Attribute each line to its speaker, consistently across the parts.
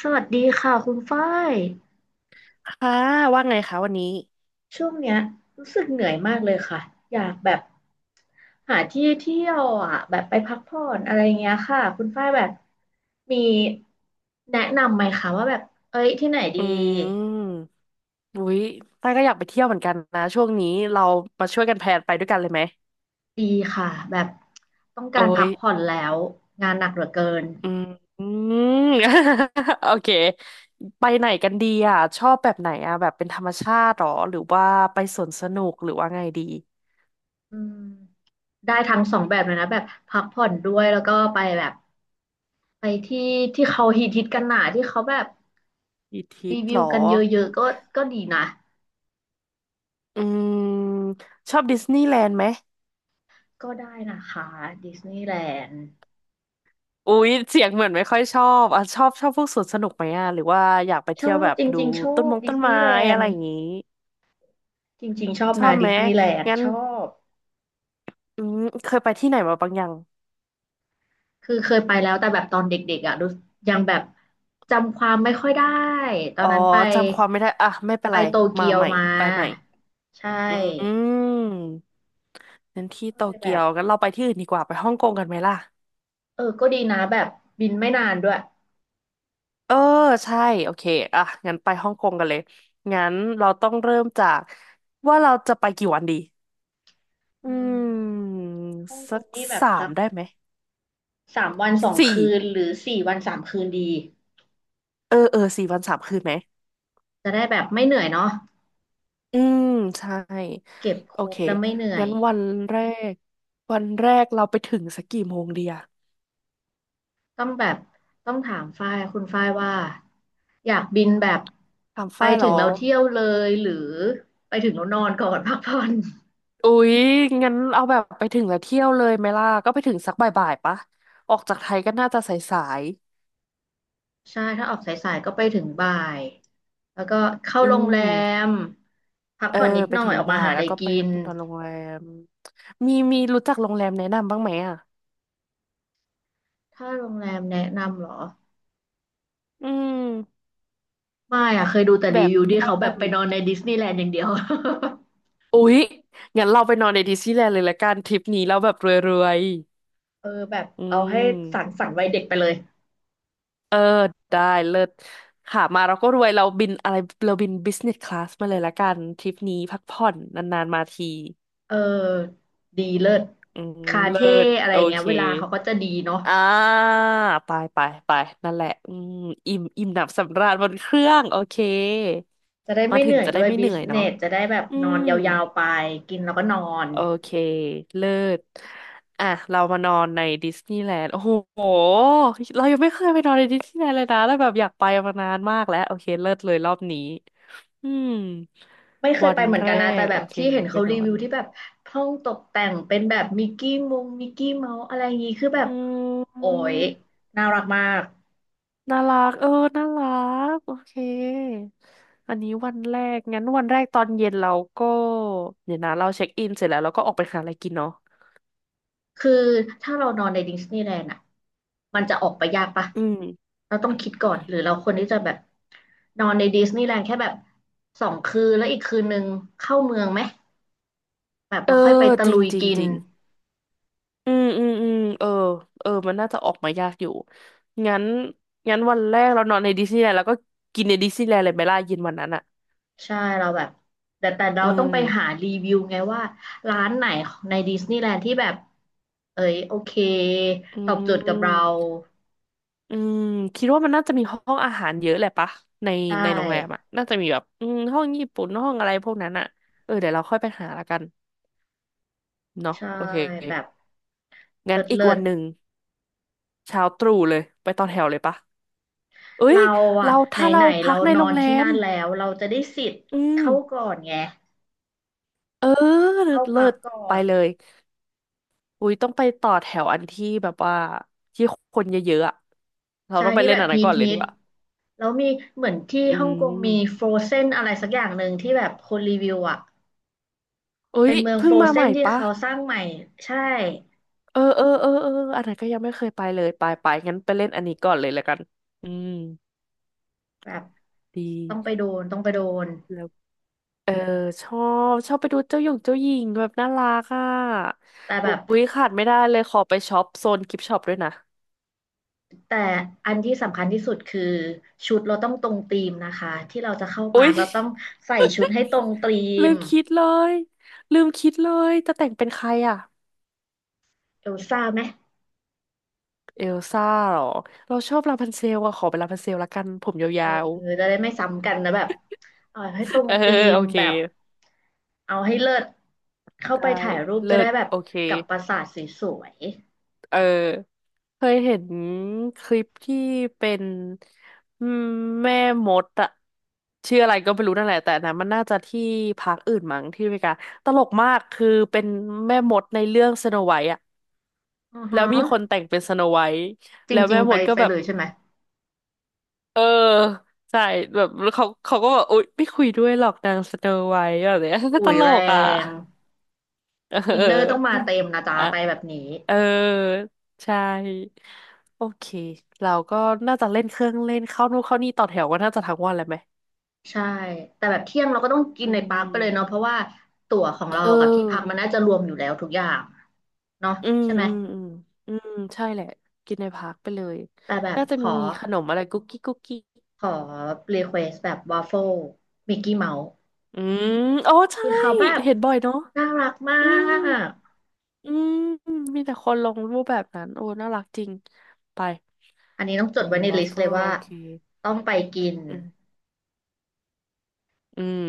Speaker 1: สวัสดีค่ะคุณฝ้าย
Speaker 2: ค่ะว่าไงคะวันนี้
Speaker 1: ช่วงเนี้ยรู้สึกเหนื่อยมากเลยค่ะอยากแบบหาที่เที่ยวอ่ะแบบไปพักผ่อนอะไรเงี้ยค่ะคุณฝ้ายแบบมีแนะนำไหมคะว่าแบบเอ้ยที่ไหนดี
Speaker 2: อืมอุ้ยต้าก็อยากไปเที่ยวเหมือนกันนะช่วงนี้เรามาช่วยกันแพลนไปด้วยกันเลยไหม
Speaker 1: ดีค่ะแบบต้อง
Speaker 2: โอ้
Speaker 1: การพั
Speaker 2: ย
Speaker 1: กผ่อนแล้วงานหนักเหลือเกิน
Speaker 2: อืม อืม โอเคไปไหนกันดีอ่ะชอบแบบไหนอ่ะแบบเป็นธรรมชาติหรอหรือว่าไปสวนสนุกหรือว่าไงดี
Speaker 1: อืมได้ทั้งสองแบบเลยนะแบบพักผ่อนด้วยแล้วก็ไปแบบไปที่ที่เขาฮิตฮิตกันหนาที่เขาแบบ
Speaker 2: อีทิ
Speaker 1: รี
Speaker 2: ต
Speaker 1: วิ
Speaker 2: หร
Speaker 1: ว
Speaker 2: อ
Speaker 1: กันเยอะๆก็ก็ดีนะ
Speaker 2: อืมชอบดิสนีย์แลนด์ไหม
Speaker 1: ก็ได้นะคะดิสนีย์แลนด์
Speaker 2: อุ้ยเสียงเหมือนไม่ค่อยชอบอ่ะชอบชอบพวกสวนสนุกไหมอ่ะหรือว่าอยากไป
Speaker 1: ช
Speaker 2: เที่ย
Speaker 1: อ
Speaker 2: ว
Speaker 1: บ
Speaker 2: แบบ
Speaker 1: จ
Speaker 2: ดู
Speaker 1: ริงๆชอ
Speaker 2: ต้น
Speaker 1: บ
Speaker 2: มง
Speaker 1: ดิ
Speaker 2: ต้
Speaker 1: ส
Speaker 2: น
Speaker 1: นี
Speaker 2: ไม้
Speaker 1: ย์แล
Speaker 2: อะ
Speaker 1: น
Speaker 2: ไร
Speaker 1: ด์
Speaker 2: อย่างงี้
Speaker 1: จริงๆชอบ
Speaker 2: ชอ
Speaker 1: นะ
Speaker 2: บไห
Speaker 1: ดิ
Speaker 2: ม
Speaker 1: สนีย์แลนด์
Speaker 2: งั้น
Speaker 1: ชอบ
Speaker 2: อืมเคยไปที่ไหนมาบ้างยัง
Speaker 1: คือเคยไปแล้วแต่แบบตอนเด็กๆอ่ะรู้ยังแบบจำความไม่ค่อยได้ตอ
Speaker 2: อ๋
Speaker 1: น
Speaker 2: อ
Speaker 1: นั้นไป
Speaker 2: จำความไม่ได้อ่ะไม่เป็น
Speaker 1: ไป
Speaker 2: ไร
Speaker 1: โต
Speaker 2: มา
Speaker 1: เกียว
Speaker 2: ใหม่
Speaker 1: มา
Speaker 2: ไปใหม่
Speaker 1: ใช
Speaker 2: อื
Speaker 1: ่
Speaker 2: มงั้นที่
Speaker 1: ก็
Speaker 2: โต
Speaker 1: เลยแบ
Speaker 2: เกีย
Speaker 1: บ
Speaker 2: วงั้นเราไปที่อื่นดีกว่าไปฮ่องกงกันไหมล่ะ
Speaker 1: เออก็ดีนะแบบบินไม่นานด้วย
Speaker 2: เออใช่โอเคอ่ะงั้นไปฮ่องกงกันเลย งั้นเราต้องเริ่มจากว่าเราจะไปกี่วันดี อื
Speaker 1: อืม
Speaker 2: ม
Speaker 1: ฮ่องก
Speaker 2: สั
Speaker 1: ง
Speaker 2: ก
Speaker 1: นี่แบบ
Speaker 2: สา
Speaker 1: สั
Speaker 2: ม
Speaker 1: ก
Speaker 2: ได้ไหม
Speaker 1: สามวันสอง
Speaker 2: สี่
Speaker 1: คืนหรือสี่วันสามคืนดี
Speaker 2: เออเออสี่วันสามคืนไหม
Speaker 1: จะได้แบบไม่เหนื่อยเนาะ
Speaker 2: อืมใช่
Speaker 1: เก็บค
Speaker 2: โอ
Speaker 1: รบ
Speaker 2: เค
Speaker 1: แล้วไม่เหนื่อ
Speaker 2: งั้
Speaker 1: ย
Speaker 2: นแรกวันแรกเราไปถึงสักกี่โมงดีอะ
Speaker 1: ต้องแบบต้องถามฝ้ายคุณฝ้ายว่าอยากบินแบบ
Speaker 2: ถาม
Speaker 1: ไป
Speaker 2: ฝ้ายเห
Speaker 1: ถึ
Speaker 2: ร
Speaker 1: ง
Speaker 2: อ
Speaker 1: เราเที่ยวเลยหรือไปถึงเรานอนก่อน พักผ่อน
Speaker 2: อุ๊ยงั้นเอาแบบไปถึงแล้วเที่ยวเลยไหมล่ะก็ไปถึงสักบ่ายๆปะออกจากไทยก็น่าจะสาย
Speaker 1: ใช่ถ้าออกสายๆก็ไปถึงบ่ายแล้วก็เข้า
Speaker 2: ๆ
Speaker 1: โรงแรมพัก
Speaker 2: เออ
Speaker 1: ผ่อนนิด
Speaker 2: ไป
Speaker 1: หน่อ
Speaker 2: ถึ
Speaker 1: ย
Speaker 2: ง
Speaker 1: ออกมา
Speaker 2: บ่าย
Speaker 1: หาอะ
Speaker 2: แล้
Speaker 1: ไร
Speaker 2: วก็ไป
Speaker 1: กิน
Speaker 2: นอนโรงแรมมีรู้จักโรงแรมแนะนำบ้างไหมอะ
Speaker 1: ถ้าโรงแรมแนะนำเหรอ
Speaker 2: อืม
Speaker 1: ไม่อะเคยดูแต่
Speaker 2: แบ
Speaker 1: รี
Speaker 2: บ
Speaker 1: วิวที่
Speaker 2: ย่า
Speaker 1: เขาแบบ
Speaker 2: น
Speaker 1: ไปนอนในดิสนีย์แลนด์อย่างเดียว
Speaker 2: อุ๊ยงั้นเราไปนอนในดิสนีย์แลนด์เลยละกันทริปนี้เราแบบรวย
Speaker 1: เออแบบ
Speaker 2: ๆ
Speaker 1: เอาให้
Speaker 2: ม
Speaker 1: สั่นๆันวัยเด็กไปเลย
Speaker 2: เออได้เลิศค่ะมาเราก็รวยเราบินอะไรเราบินบิสเนสคลาสมาเลยละกันทริปนี้พักผ่อนนานๆมาที
Speaker 1: เออดีเลิศ
Speaker 2: อืม
Speaker 1: คา
Speaker 2: เลิ
Speaker 1: เท่
Speaker 2: ศ
Speaker 1: อะไร
Speaker 2: โอ
Speaker 1: อย่างเงี้
Speaker 2: เค
Speaker 1: ยเวลาเขาก็จะดีเนาะ
Speaker 2: อ่าไปไปไปนั่นแหละอิ่มหนำสำราญบนเครื่องโอเค
Speaker 1: จะได้
Speaker 2: มา
Speaker 1: ไม่เห
Speaker 2: ถึง
Speaker 1: นื่อย
Speaker 2: จะ
Speaker 1: ด้
Speaker 2: ได้
Speaker 1: วย
Speaker 2: ไม่
Speaker 1: บิ
Speaker 2: เหนื่
Speaker 1: ส
Speaker 2: อย
Speaker 1: เน
Speaker 2: เนาะ
Speaker 1: สจะได้แบบ
Speaker 2: อื
Speaker 1: นอน
Speaker 2: ม
Speaker 1: ยาวๆไปกินแล้วก็นอน
Speaker 2: โอเคเลิศอ่ะเรามานอนในดิสนีย์แลนด์โอ้โหเรายังไม่เคยไปนอนในดิสนีย์แลนด์เลยนะแล้วแบบอยากไปมานานมากแล้วโอเคเลิศเลยรอบนี้ อืม
Speaker 1: ไม่เคย
Speaker 2: วั
Speaker 1: ไป
Speaker 2: น
Speaker 1: เหมือน
Speaker 2: แร
Speaker 1: กันนะแต่
Speaker 2: ก
Speaker 1: แบ
Speaker 2: โอ
Speaker 1: บ
Speaker 2: เค
Speaker 1: ที่เห็
Speaker 2: เรา
Speaker 1: น
Speaker 2: ไป
Speaker 1: เขา
Speaker 2: น
Speaker 1: รี
Speaker 2: อ
Speaker 1: วิ
Speaker 2: น
Speaker 1: วที่แบบห้องตกแต่งเป็นแบบมิกกี้มงมิกกี้เมาส์อะไรอย่างงี้คือแบ
Speaker 2: อื
Speaker 1: บโอ้ย
Speaker 2: ม
Speaker 1: น่ารักมาก
Speaker 2: น่ารักเออน่ารักโอเคอันนี้วันแรกงั้นวันแรกตอนเย็นเราก็เดี๋ยวนะเราเช็คอินเสร็จแล้วเราก็ออกไปหาอะไรกินเนาะ
Speaker 1: คือถ้าเรานอนในดิสนีย์แลนด์อ่ะมันจะออกไปยากปะ
Speaker 2: อืม
Speaker 1: เราต้องคิดก่อนหรือเราควรที่จะแบบนอนในดิสนีย์แลนด์แค่แบบสองคืนแล้วอีกคืนนึงเข้าเมืองไหมแบบ
Speaker 2: เอ
Speaker 1: เราค่อยไป
Speaker 2: อ
Speaker 1: ตะ
Speaker 2: จริ
Speaker 1: ลุ
Speaker 2: ง
Speaker 1: ย
Speaker 2: จริง
Speaker 1: กิน
Speaker 2: จริงอืมเออเออมันน่าจะออกมายากอยู่งั้นงั้นวันแรกเรานอนในดิสนีย์แลนด์แล้วก็กินในดิสนีย์แลนด์เลยไหมล่ะเย็นวันนั้นอ่ะ
Speaker 1: ใช่เราแบบแต่เรา
Speaker 2: อื
Speaker 1: ต้อง
Speaker 2: ม
Speaker 1: ไปหารีวิวไงว่าร้านไหนในดิสนีย์แลนด์ที่แบบเอ้ยโอเค
Speaker 2: อื
Speaker 1: ตอบโจทย์กับเรา
Speaker 2: ม อืมคิดว่ามันน่าจะมีห้องอาหารเยอะแหละปะใน
Speaker 1: ใช่
Speaker 2: ในโรงแรมอ่ะน่าจะมีแบบห้องญี่ปุ่นห้องอะไรพวกนั้นอ่ะเออเดี๋ยวเราค่อยไปหาละกันเนาะ
Speaker 1: ใช่
Speaker 2: โอเค
Speaker 1: แบบ
Speaker 2: งั้
Speaker 1: เลิ
Speaker 2: น
Speaker 1: ศ
Speaker 2: อีก
Speaker 1: เลิ
Speaker 2: วั
Speaker 1: ศ
Speaker 2: นหนึ่งเช้าตรู่เลยไปต่อแถวเลยปะเอ้ย
Speaker 1: เราอ่ะ
Speaker 2: เรา
Speaker 1: ไหน
Speaker 2: ถ้า
Speaker 1: ไห
Speaker 2: เรา
Speaker 1: น
Speaker 2: พั
Speaker 1: เรา
Speaker 2: กใน
Speaker 1: นอ
Speaker 2: โรง
Speaker 1: น
Speaker 2: แร
Speaker 1: ที่
Speaker 2: ม
Speaker 1: นั่นแล้วเราจะได้สิทธิ์
Speaker 2: อืม
Speaker 1: เข้าก่อนไง
Speaker 2: เออเลิ
Speaker 1: เข้า
Speaker 2: ศเลิ
Speaker 1: พัก
Speaker 2: ศ
Speaker 1: ก่อ
Speaker 2: ไป
Speaker 1: น
Speaker 2: เลยอุ้ยต้องไปต่อแถวอันที่แบบว่าที่คนเยอะๆอ่ะเรา
Speaker 1: ใช่
Speaker 2: ต้องไป
Speaker 1: ที่
Speaker 2: เล่
Speaker 1: แบ
Speaker 2: น
Speaker 1: บ
Speaker 2: อันนั้
Speaker 1: ฮิ
Speaker 2: น
Speaker 1: ต
Speaker 2: ก่อนเลย
Speaker 1: ฮิ
Speaker 2: ดี
Speaker 1: ต
Speaker 2: กว่า
Speaker 1: แล้วมีเหมือนที่
Speaker 2: อื
Speaker 1: ฮ่องกงมี
Speaker 2: ม
Speaker 1: ฟร o เซนอะไรสักอย่างหนึ่งที่แบบคนรีวิวอ่ะ
Speaker 2: เอ้
Speaker 1: เป็
Speaker 2: ย
Speaker 1: นเมือง
Speaker 2: เพิ่
Speaker 1: ฟ
Speaker 2: ง
Speaker 1: ร o
Speaker 2: มา
Speaker 1: เซ
Speaker 2: ใหม่
Speaker 1: นที่
Speaker 2: ปะ
Speaker 1: เขาสร้างใหม่ใช่
Speaker 2: เออเออเออเอออันไหนก็ยังไม่เคยไปเลยไปไปงั้นไปเล่นอันนี้ก่อนเลยแล้วกันอืม
Speaker 1: แบบ
Speaker 2: ดี
Speaker 1: ต้องไปโดน
Speaker 2: แล้วเออชอชอบไปดูเจ้าหยงเจ้าหญิงแบบน่ารักอ่ะ
Speaker 1: แต่แบ
Speaker 2: อุ
Speaker 1: บ
Speaker 2: ๊ยขาดไม่ได้เลยขอไปช็อปโซนกิฟช็อปด้วยนะ
Speaker 1: แต่อันที่สำคัญที่สุดคือชุดเราต้องตรงธีมนะคะที่เราจะเข้า
Speaker 2: อุ๊
Speaker 1: ปาร์
Speaker 2: ย
Speaker 1: คเราต้องใส่ชุดให้ตรงธี
Speaker 2: ลื
Speaker 1: ม
Speaker 2: มคิดเลยลืมคิดเลยจะแต่งเป็นใครอ่ะ
Speaker 1: เอลซ่าไหม
Speaker 2: เอลซ่าเหรอเราชอบลาพันเซลอะขอเป็นลาพันเซลละกันผม
Speaker 1: เออ
Speaker 2: ยาว
Speaker 1: จะได้ไม่ซ้ำกันนะแบบเอา
Speaker 2: ๆ
Speaker 1: ให้ตร ง
Speaker 2: เออ
Speaker 1: ธีม
Speaker 2: โอเค
Speaker 1: แบบเอาให้เลิศเข้าไป
Speaker 2: ได้
Speaker 1: ถ่ายรูปจะ
Speaker 2: เลิ
Speaker 1: ได้
Speaker 2: ศ
Speaker 1: แบบ
Speaker 2: โอเค
Speaker 1: กับปราสาทสวย
Speaker 2: เออ เคยเห็นคลิปที่เป็นอืมแม่มดอะชื่ออะไรก็ไม่รู้นั่นแหละแต่อันนะมันน่าจะที่พักอื่นมั้งที่อเมริกาตลกมากคือเป็นแม่มดในเรื่องสโนไวท์อะ
Speaker 1: ๆอือ
Speaker 2: แล้
Speaker 1: ฮะ
Speaker 2: วมีคนแต่งเป็นสโนไวท์
Speaker 1: จ
Speaker 2: แล้ว
Speaker 1: ริ
Speaker 2: แม่
Speaker 1: งๆ
Speaker 2: ม
Speaker 1: ไป
Speaker 2: ดก็
Speaker 1: ไป
Speaker 2: แบ
Speaker 1: เล
Speaker 2: บ
Speaker 1: ยใช่ไหม
Speaker 2: เออใช่แบบเขาก็แบบอุ๊ยไม่คุยด้วยหรอกนางสโนไวท์แบบเนี้ย
Speaker 1: อุ้
Speaker 2: ต
Speaker 1: ย
Speaker 2: ล
Speaker 1: แร
Speaker 2: กอะ
Speaker 1: ง
Speaker 2: เออ
Speaker 1: อินเนอร์ต้องมาเต็มนะ จ๊ะ
Speaker 2: อ่ะ
Speaker 1: ไปแบบนี้
Speaker 2: เออ ใช่ โอเค เราก็น่าจะเล่นเครื่องเล่นเข้านู่นเข้านี่ต่อแถวกันน่าจะทั้งวันเลยไหม
Speaker 1: ใช่แต่แบบเที่ยงเราก็ต้องกิ
Speaker 2: อื
Speaker 1: นในปาร์คไปเลยเนาะ
Speaker 2: ม
Speaker 1: เพราะว่าตั๋วของเรา
Speaker 2: เออ
Speaker 1: กับที่พักมันน่าจะรวมอยู่แล้วทุกอย่างเนาะ
Speaker 2: อืม
Speaker 1: ใช่ไหม
Speaker 2: อืมอืมอืมใช่แหละกินในพักไปเลย
Speaker 1: แต่แบบ
Speaker 2: น่าจะ
Speaker 1: ขอ
Speaker 2: มีขนมอะไรกุ๊กกิ๊กกุ๊กกิ๊ก
Speaker 1: ขอรีเควสแบบวาฟเฟิลมิกกี้เมาส์
Speaker 2: อืมอ๋อใช่
Speaker 1: ที่เขาแบบ
Speaker 2: เห็นบ่อยเนาะ
Speaker 1: น่ารักมา
Speaker 2: อืม
Speaker 1: ก
Speaker 2: อืมมีแต่คนลงรูปแบบนั้นโอ้น่ารักจริงไป
Speaker 1: อันนี้ต้องจดไว้ใน
Speaker 2: บั
Speaker 1: ลิ
Speaker 2: ฟ
Speaker 1: ส
Speaker 2: เฟ
Speaker 1: ต์
Speaker 2: อ
Speaker 1: เลย
Speaker 2: ร์โอ
Speaker 1: ว่า
Speaker 2: เค
Speaker 1: ต้องไปกิน
Speaker 2: อืมอืม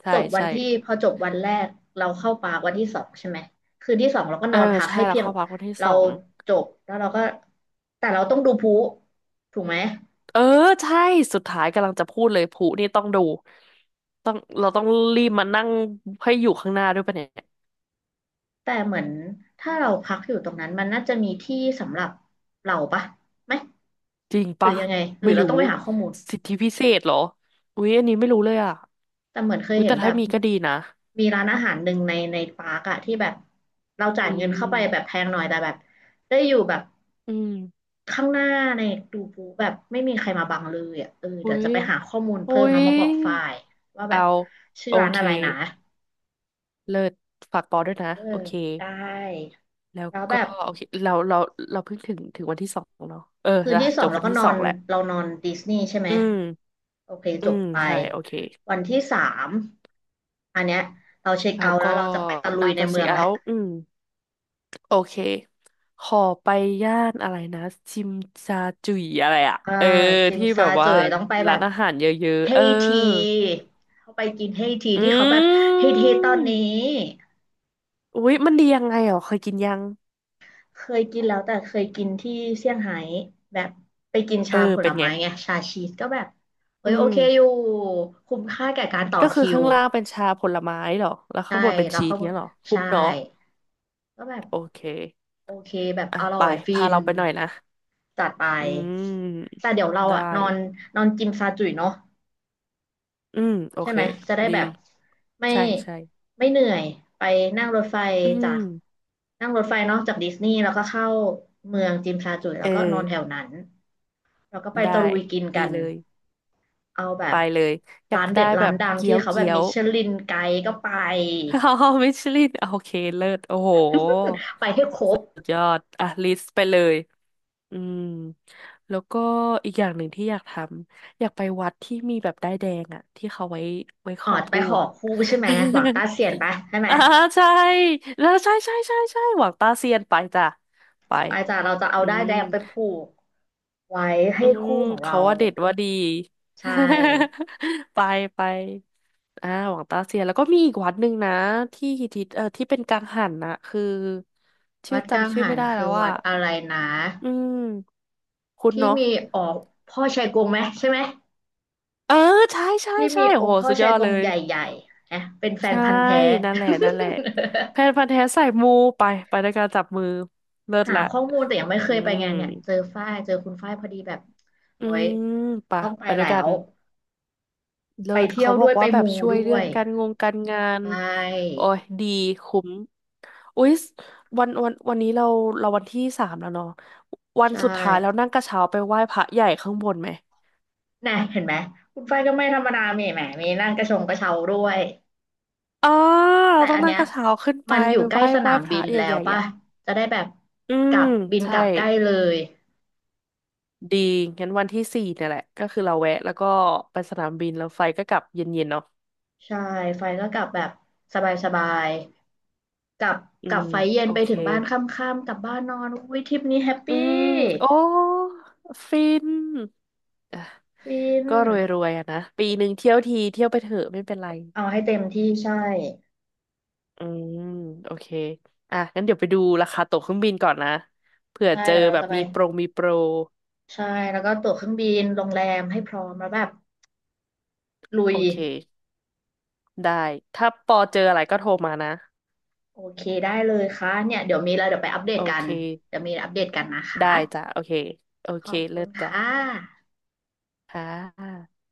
Speaker 1: จบวัน
Speaker 2: ใช่
Speaker 1: ที่พอจบวันแรกเราเข้าปาร์ควันที่สองใช่ไหมคืนที่สองเราก็
Speaker 2: เอ
Speaker 1: น
Speaker 2: อ
Speaker 1: อนพัก
Speaker 2: ใช่
Speaker 1: ให้
Speaker 2: แล้ว
Speaker 1: เพียง
Speaker 2: เข้าพักวันที่ส
Speaker 1: เรา
Speaker 2: อง
Speaker 1: จบแล้วเราก็แต่เราต้องดูพลุถูกไหม
Speaker 2: เออใช่สุดท้ายกำลังจะพูดเลยผู้นี่ต้องดูต้องเราต้องรีบมานั่งให้อยู่ข้างหน้าด้วยปะเนี่ย
Speaker 1: แต่เหมือนถ้าเราพักอยู่ตรงนั้นมันน่าจะมีที่สำหรับเราปะไหม
Speaker 2: จริง
Speaker 1: หรื
Speaker 2: ปะ
Speaker 1: อยังไงหรื
Speaker 2: ไม่
Speaker 1: อเรา
Speaker 2: รู้
Speaker 1: ต้องไปหาข้อมูล
Speaker 2: สิทธิพิเศษเหรออุ๊ยอันนี้ไม่รู้เลยอ่ะ
Speaker 1: แต่เหมือนเคย
Speaker 2: อุ๊ย
Speaker 1: เห็น
Speaker 2: แต่
Speaker 1: แบ
Speaker 2: ถ้า
Speaker 1: บ
Speaker 2: มีก็ดีนะ
Speaker 1: มีร้านอาหารหนึ่งในในปาร์กอะที่แบบเราจ่าย
Speaker 2: อื
Speaker 1: เงินเข้าไปแบบ
Speaker 2: ม
Speaker 1: แพงหน่อยแต่แบบได้อยู่แบบ
Speaker 2: อืม
Speaker 1: ข้างหน้าในดูปูแบบไม่มีใครมาบังเลยอะเออ
Speaker 2: อุ๊
Speaker 1: เดี๋ยวจะ
Speaker 2: ย
Speaker 1: ไปหาข้อมูล
Speaker 2: อุ๊
Speaker 1: เพิ่มแล้
Speaker 2: ย
Speaker 1: วมาบอกฝ่ายว่าแบ
Speaker 2: เอา
Speaker 1: บชื่อ
Speaker 2: โอ
Speaker 1: ร้าน
Speaker 2: เค
Speaker 1: อะไรนะ
Speaker 2: เลิศฝากปอด้วยนะ
Speaker 1: เอ
Speaker 2: โอ
Speaker 1: อ
Speaker 2: เค
Speaker 1: ได้
Speaker 2: แล้ว
Speaker 1: แล้วแบ
Speaker 2: ก็
Speaker 1: บ
Speaker 2: โอเคเราเพิ่งถึงวันที่สองเนาะเออ
Speaker 1: คืน
Speaker 2: อ่ะ
Speaker 1: ที่ส
Speaker 2: จ
Speaker 1: อง
Speaker 2: บ
Speaker 1: เรา
Speaker 2: วัน
Speaker 1: ก็
Speaker 2: ที่
Speaker 1: นอ
Speaker 2: สอ
Speaker 1: น
Speaker 2: งแหละ
Speaker 1: เรานอนดิสนีย์ใช่ไหม
Speaker 2: อืม
Speaker 1: โอเค
Speaker 2: อื
Speaker 1: จบ
Speaker 2: ม
Speaker 1: ไป
Speaker 2: ใช่โอเค
Speaker 1: วันที่สามอันเนี้ยเราเช็ค
Speaker 2: แล้ว
Speaker 1: เอาท์แล้
Speaker 2: ก็
Speaker 1: วเราจะไปตะลุย
Speaker 2: น่า
Speaker 1: ใน
Speaker 2: จะ
Speaker 1: เมื
Speaker 2: เช็ค
Speaker 1: อง
Speaker 2: เอา
Speaker 1: แล้ว
Speaker 2: ท์อืมโอเคขอไปย่านอะไรนะจิมจาจุยอะไรอ่ะ
Speaker 1: อ่าจิม
Speaker 2: ที่แบ
Speaker 1: ซา
Speaker 2: บว่า
Speaker 1: จุ๋ยต้องไปแบ
Speaker 2: ร้าน
Speaker 1: บ
Speaker 2: อาหารเยอะ
Speaker 1: เฮ
Speaker 2: ๆ
Speaker 1: ทีเขาไปกินเฮที
Speaker 2: อื
Speaker 1: ที่เขาแบบเฮที
Speaker 2: ม
Speaker 1: ตอนนี้
Speaker 2: อุ๊ยมันดียังไงเหรอเคยกินยัง
Speaker 1: เคยกินแล้วแต่เคยกินที่เซี่ยงไฮ้แบบไปกิน
Speaker 2: เออ
Speaker 1: ชาผล
Speaker 2: เป็นไง
Speaker 1: ไม้ไงชาชีสก็แบบเอ้
Speaker 2: อื
Speaker 1: ยโอ
Speaker 2: ม
Speaker 1: เคอยู่คุ้มค่าแก่การต่อ
Speaker 2: ก็คือ
Speaker 1: คิว
Speaker 2: ข้างล่างเป็นชาผลไม้เหรอ แล้วข้า
Speaker 1: ใช่
Speaker 2: งบนเป็น
Speaker 1: เรา
Speaker 2: ชีส
Speaker 1: ก็
Speaker 2: เนี้ยเหรอคุ้
Speaker 1: ใช่
Speaker 2: มเนาะ
Speaker 1: ก็แบบ
Speaker 2: โอเค
Speaker 1: โอเคแบบ
Speaker 2: อ่ะ
Speaker 1: อร่
Speaker 2: ไป
Speaker 1: อยฟิ
Speaker 2: พา
Speaker 1: น
Speaker 2: เราไปหน่อยนะ
Speaker 1: จัดไป
Speaker 2: อืม
Speaker 1: แต่เดี๋ยวเรา
Speaker 2: ได้
Speaker 1: อะนอนนอนกินซาจุ๋ยเนาะ
Speaker 2: อืมโอ
Speaker 1: ใช่
Speaker 2: เค
Speaker 1: ไหมจะได้
Speaker 2: ดี
Speaker 1: แบบไม่
Speaker 2: ใช่ใช่
Speaker 1: ไม่เหนื่อยไปนั่งรถไฟ
Speaker 2: อื
Speaker 1: จาก
Speaker 2: ม
Speaker 1: นั่งรถไฟเนาะจากดิสนีย์แล้วก็เข้าเมืองจิมซาจุ๋ยแล้
Speaker 2: เอ
Speaker 1: วก็น
Speaker 2: อ
Speaker 1: อนแถวนั้นแล้วก็ไป
Speaker 2: ได้
Speaker 1: ตะลุยกิน
Speaker 2: ดี
Speaker 1: กัน
Speaker 2: เลย
Speaker 1: เอาแบ
Speaker 2: ไป
Speaker 1: บ
Speaker 2: เลยอยา
Speaker 1: ร้า
Speaker 2: ก
Speaker 1: นเด็
Speaker 2: ได้
Speaker 1: ด
Speaker 2: แบ
Speaker 1: ร้าน
Speaker 2: บ
Speaker 1: ดัง
Speaker 2: เกี๊
Speaker 1: ที่
Speaker 2: ยว
Speaker 1: เขาแบ
Speaker 2: เกี๊
Speaker 1: บ
Speaker 2: ย
Speaker 1: มิ
Speaker 2: ว
Speaker 1: ชลินไกด์ก็ไป
Speaker 2: อ่าฮ่มิชลินโอเคเลิศโอ้โห
Speaker 1: ไปให้คร
Speaker 2: สุ
Speaker 1: บ
Speaker 2: ดยอดอ่ะลิสต์ไปเลยอืมแล้วก็อีกอย่างหนึ่งที่อยากทำอยากไปวัดที่มีแบบด้ายแดงอ่ะที่เขาไว้ข
Speaker 1: อ๋อ
Speaker 2: อ
Speaker 1: ไป
Speaker 2: ผู้
Speaker 1: ขอ
Speaker 2: อ่ะ
Speaker 1: คู่ใช่ไหมหวังต้าเสียนไปใช่ไห ม
Speaker 2: อ่าใช่แล้วใช่ใช่ใช่ใช่หวังตาเซียนไปจ้ะไป
Speaker 1: ไปจ้ะเราจะเอา
Speaker 2: อื
Speaker 1: ด้าย
Speaker 2: ม
Speaker 1: แดงไปผูกไว้ให้
Speaker 2: อืม
Speaker 1: คู่ของเรา
Speaker 2: เขาว่าเด็ดว่าดี
Speaker 1: ใช่
Speaker 2: ไปไปอ่าหวังตาเสียแล้วก็มีอีกวัดหนึ่งนะที่ฮิตที่เป็นกังหันนะคือชื่
Speaker 1: วั
Speaker 2: อ
Speaker 1: ดกัง
Speaker 2: จำชื่อ
Speaker 1: หั
Speaker 2: ไม่
Speaker 1: น
Speaker 2: ได้
Speaker 1: คื
Speaker 2: แล้
Speaker 1: อ
Speaker 2: ว
Speaker 1: วั
Speaker 2: อ่ะ
Speaker 1: ดอะไรนะ
Speaker 2: อืมคุณ
Speaker 1: ที่
Speaker 2: เนาะ
Speaker 1: มีออกพ่อชัยกงไหมใช่ไหม
Speaker 2: เออใช่ใช่
Speaker 1: ที่
Speaker 2: ใช่
Speaker 1: มีอ
Speaker 2: โอ้
Speaker 1: ง
Speaker 2: โห
Speaker 1: ค์พ่อ
Speaker 2: สุดย
Speaker 1: ชั
Speaker 2: อ
Speaker 1: ย
Speaker 2: ด
Speaker 1: ก
Speaker 2: เล
Speaker 1: ง
Speaker 2: ย
Speaker 1: ใหญ่ๆนะเป็นแฟน
Speaker 2: ใช่
Speaker 1: พันธุ์แท้
Speaker 2: นั่นแหละนั่นแหละแพนพั นธุ์แท้สายมูไปไปด้วยการจับมือเลิศ
Speaker 1: หา
Speaker 2: ละ
Speaker 1: ข้อมูลแต่ยังไม่เค
Speaker 2: อื
Speaker 1: ยไป
Speaker 2: ม
Speaker 1: ไงานเนี่ยเจอฝ้ายเจอคุณฝ้ายพอดีแบบ
Speaker 2: อื
Speaker 1: โอ้ย
Speaker 2: มไปะ
Speaker 1: ต้องไป
Speaker 2: ไปด้ว
Speaker 1: แล้
Speaker 2: ยกัน
Speaker 1: ว
Speaker 2: เลิ
Speaker 1: ไป
Speaker 2: ศ
Speaker 1: เที่ย
Speaker 2: เขา
Speaker 1: ว
Speaker 2: บ
Speaker 1: ด้
Speaker 2: อ
Speaker 1: ว
Speaker 2: ก
Speaker 1: ยไป
Speaker 2: ว่าแบบ
Speaker 1: มู
Speaker 2: ช่วย
Speaker 1: ด้ว
Speaker 2: เรื่อง
Speaker 1: ย
Speaker 2: การงาน
Speaker 1: ใช่
Speaker 2: โอ้ยดีคุ้มอุ๊ยวันนี้เราวันที่สามแล้วเนาะวัน
Speaker 1: ใช่
Speaker 2: สุดท้ายเ้วนั่งกระเช้าไปไหว้พระใหญ่ข้างบนไหม
Speaker 1: น่ะเห็นไหมคุณไฟก็ไม่ธรรมดามีแหมมีนั่งกระชงกระเช้าด้วย
Speaker 2: อ่าเรา
Speaker 1: แต่
Speaker 2: ต้อง
Speaker 1: อัน
Speaker 2: นั่
Speaker 1: เนี้
Speaker 2: ง
Speaker 1: ย
Speaker 2: กระเช้าขึ้นไป
Speaker 1: มันอยู่ใก
Speaker 2: ไห
Speaker 1: ล้
Speaker 2: ว้
Speaker 1: สนาม
Speaker 2: พ
Speaker 1: บิ
Speaker 2: ระ
Speaker 1: น
Speaker 2: ให
Speaker 1: แล้ว
Speaker 2: ญ่ๆ
Speaker 1: ป่ะ
Speaker 2: อ่ะ
Speaker 1: จะได้แบบ
Speaker 2: อื
Speaker 1: ก
Speaker 2: ม
Speaker 1: ลับบินก
Speaker 2: ใช่
Speaker 1: ลับใกล้เลย
Speaker 2: ดีงั้นวันที่สี่เนี่ยแหละก็คือเราแวะแล้วก็ไปสนามบินแล้วไฟก็กลับเย็นๆเนาะ
Speaker 1: ใช่ไฟก็กลับแบบสบายๆกลับ
Speaker 2: อื
Speaker 1: กลับ
Speaker 2: ม
Speaker 1: ไฟเย็น
Speaker 2: โอ
Speaker 1: ไป
Speaker 2: เค
Speaker 1: ถึงบ้านค่ำๆกลับบ้านนอนอุ้ยทริปนี้แฮป
Speaker 2: อื
Speaker 1: ปี้
Speaker 2: มโอ้ฟิน
Speaker 1: ฟิน
Speaker 2: ก็รวยๆอะนะปีหนึ่งเที่ยวทีเที่ยวไปเถอะไม่เป็นไร
Speaker 1: เอาให้เต็มที่ใช่
Speaker 2: อืมโอเคอ่ะงั้นเดี๋ยวไปดูราคาตั๋วเครื่องบินก่อนนะเผื่อ
Speaker 1: ใช่
Speaker 2: เจอ
Speaker 1: เดี๋ยวเรา
Speaker 2: แบบ
Speaker 1: จะไป
Speaker 2: มีโปร
Speaker 1: ใช่แล้วก็ตั๋วเครื่องบินโรงแรมให้พร้อมแล้วแบบลุย
Speaker 2: โอเคได้ถ้าปอเจออะไรก็โทรมานะ
Speaker 1: โอเคได้เลยค่ะเนี่ยเดี๋ยวมีอะไรเดี๋ยวไปอัปเด
Speaker 2: โอ
Speaker 1: ตกั
Speaker 2: เค
Speaker 1: นเดี๋ยวมีอะไรอัปเดตกันนะคะ
Speaker 2: ได้จ้ะโอเคโอ
Speaker 1: ข
Speaker 2: เค
Speaker 1: อบคุ
Speaker 2: เลิ
Speaker 1: ณ
Speaker 2: ศ
Speaker 1: ค่ะ
Speaker 2: จ้ะค่ะ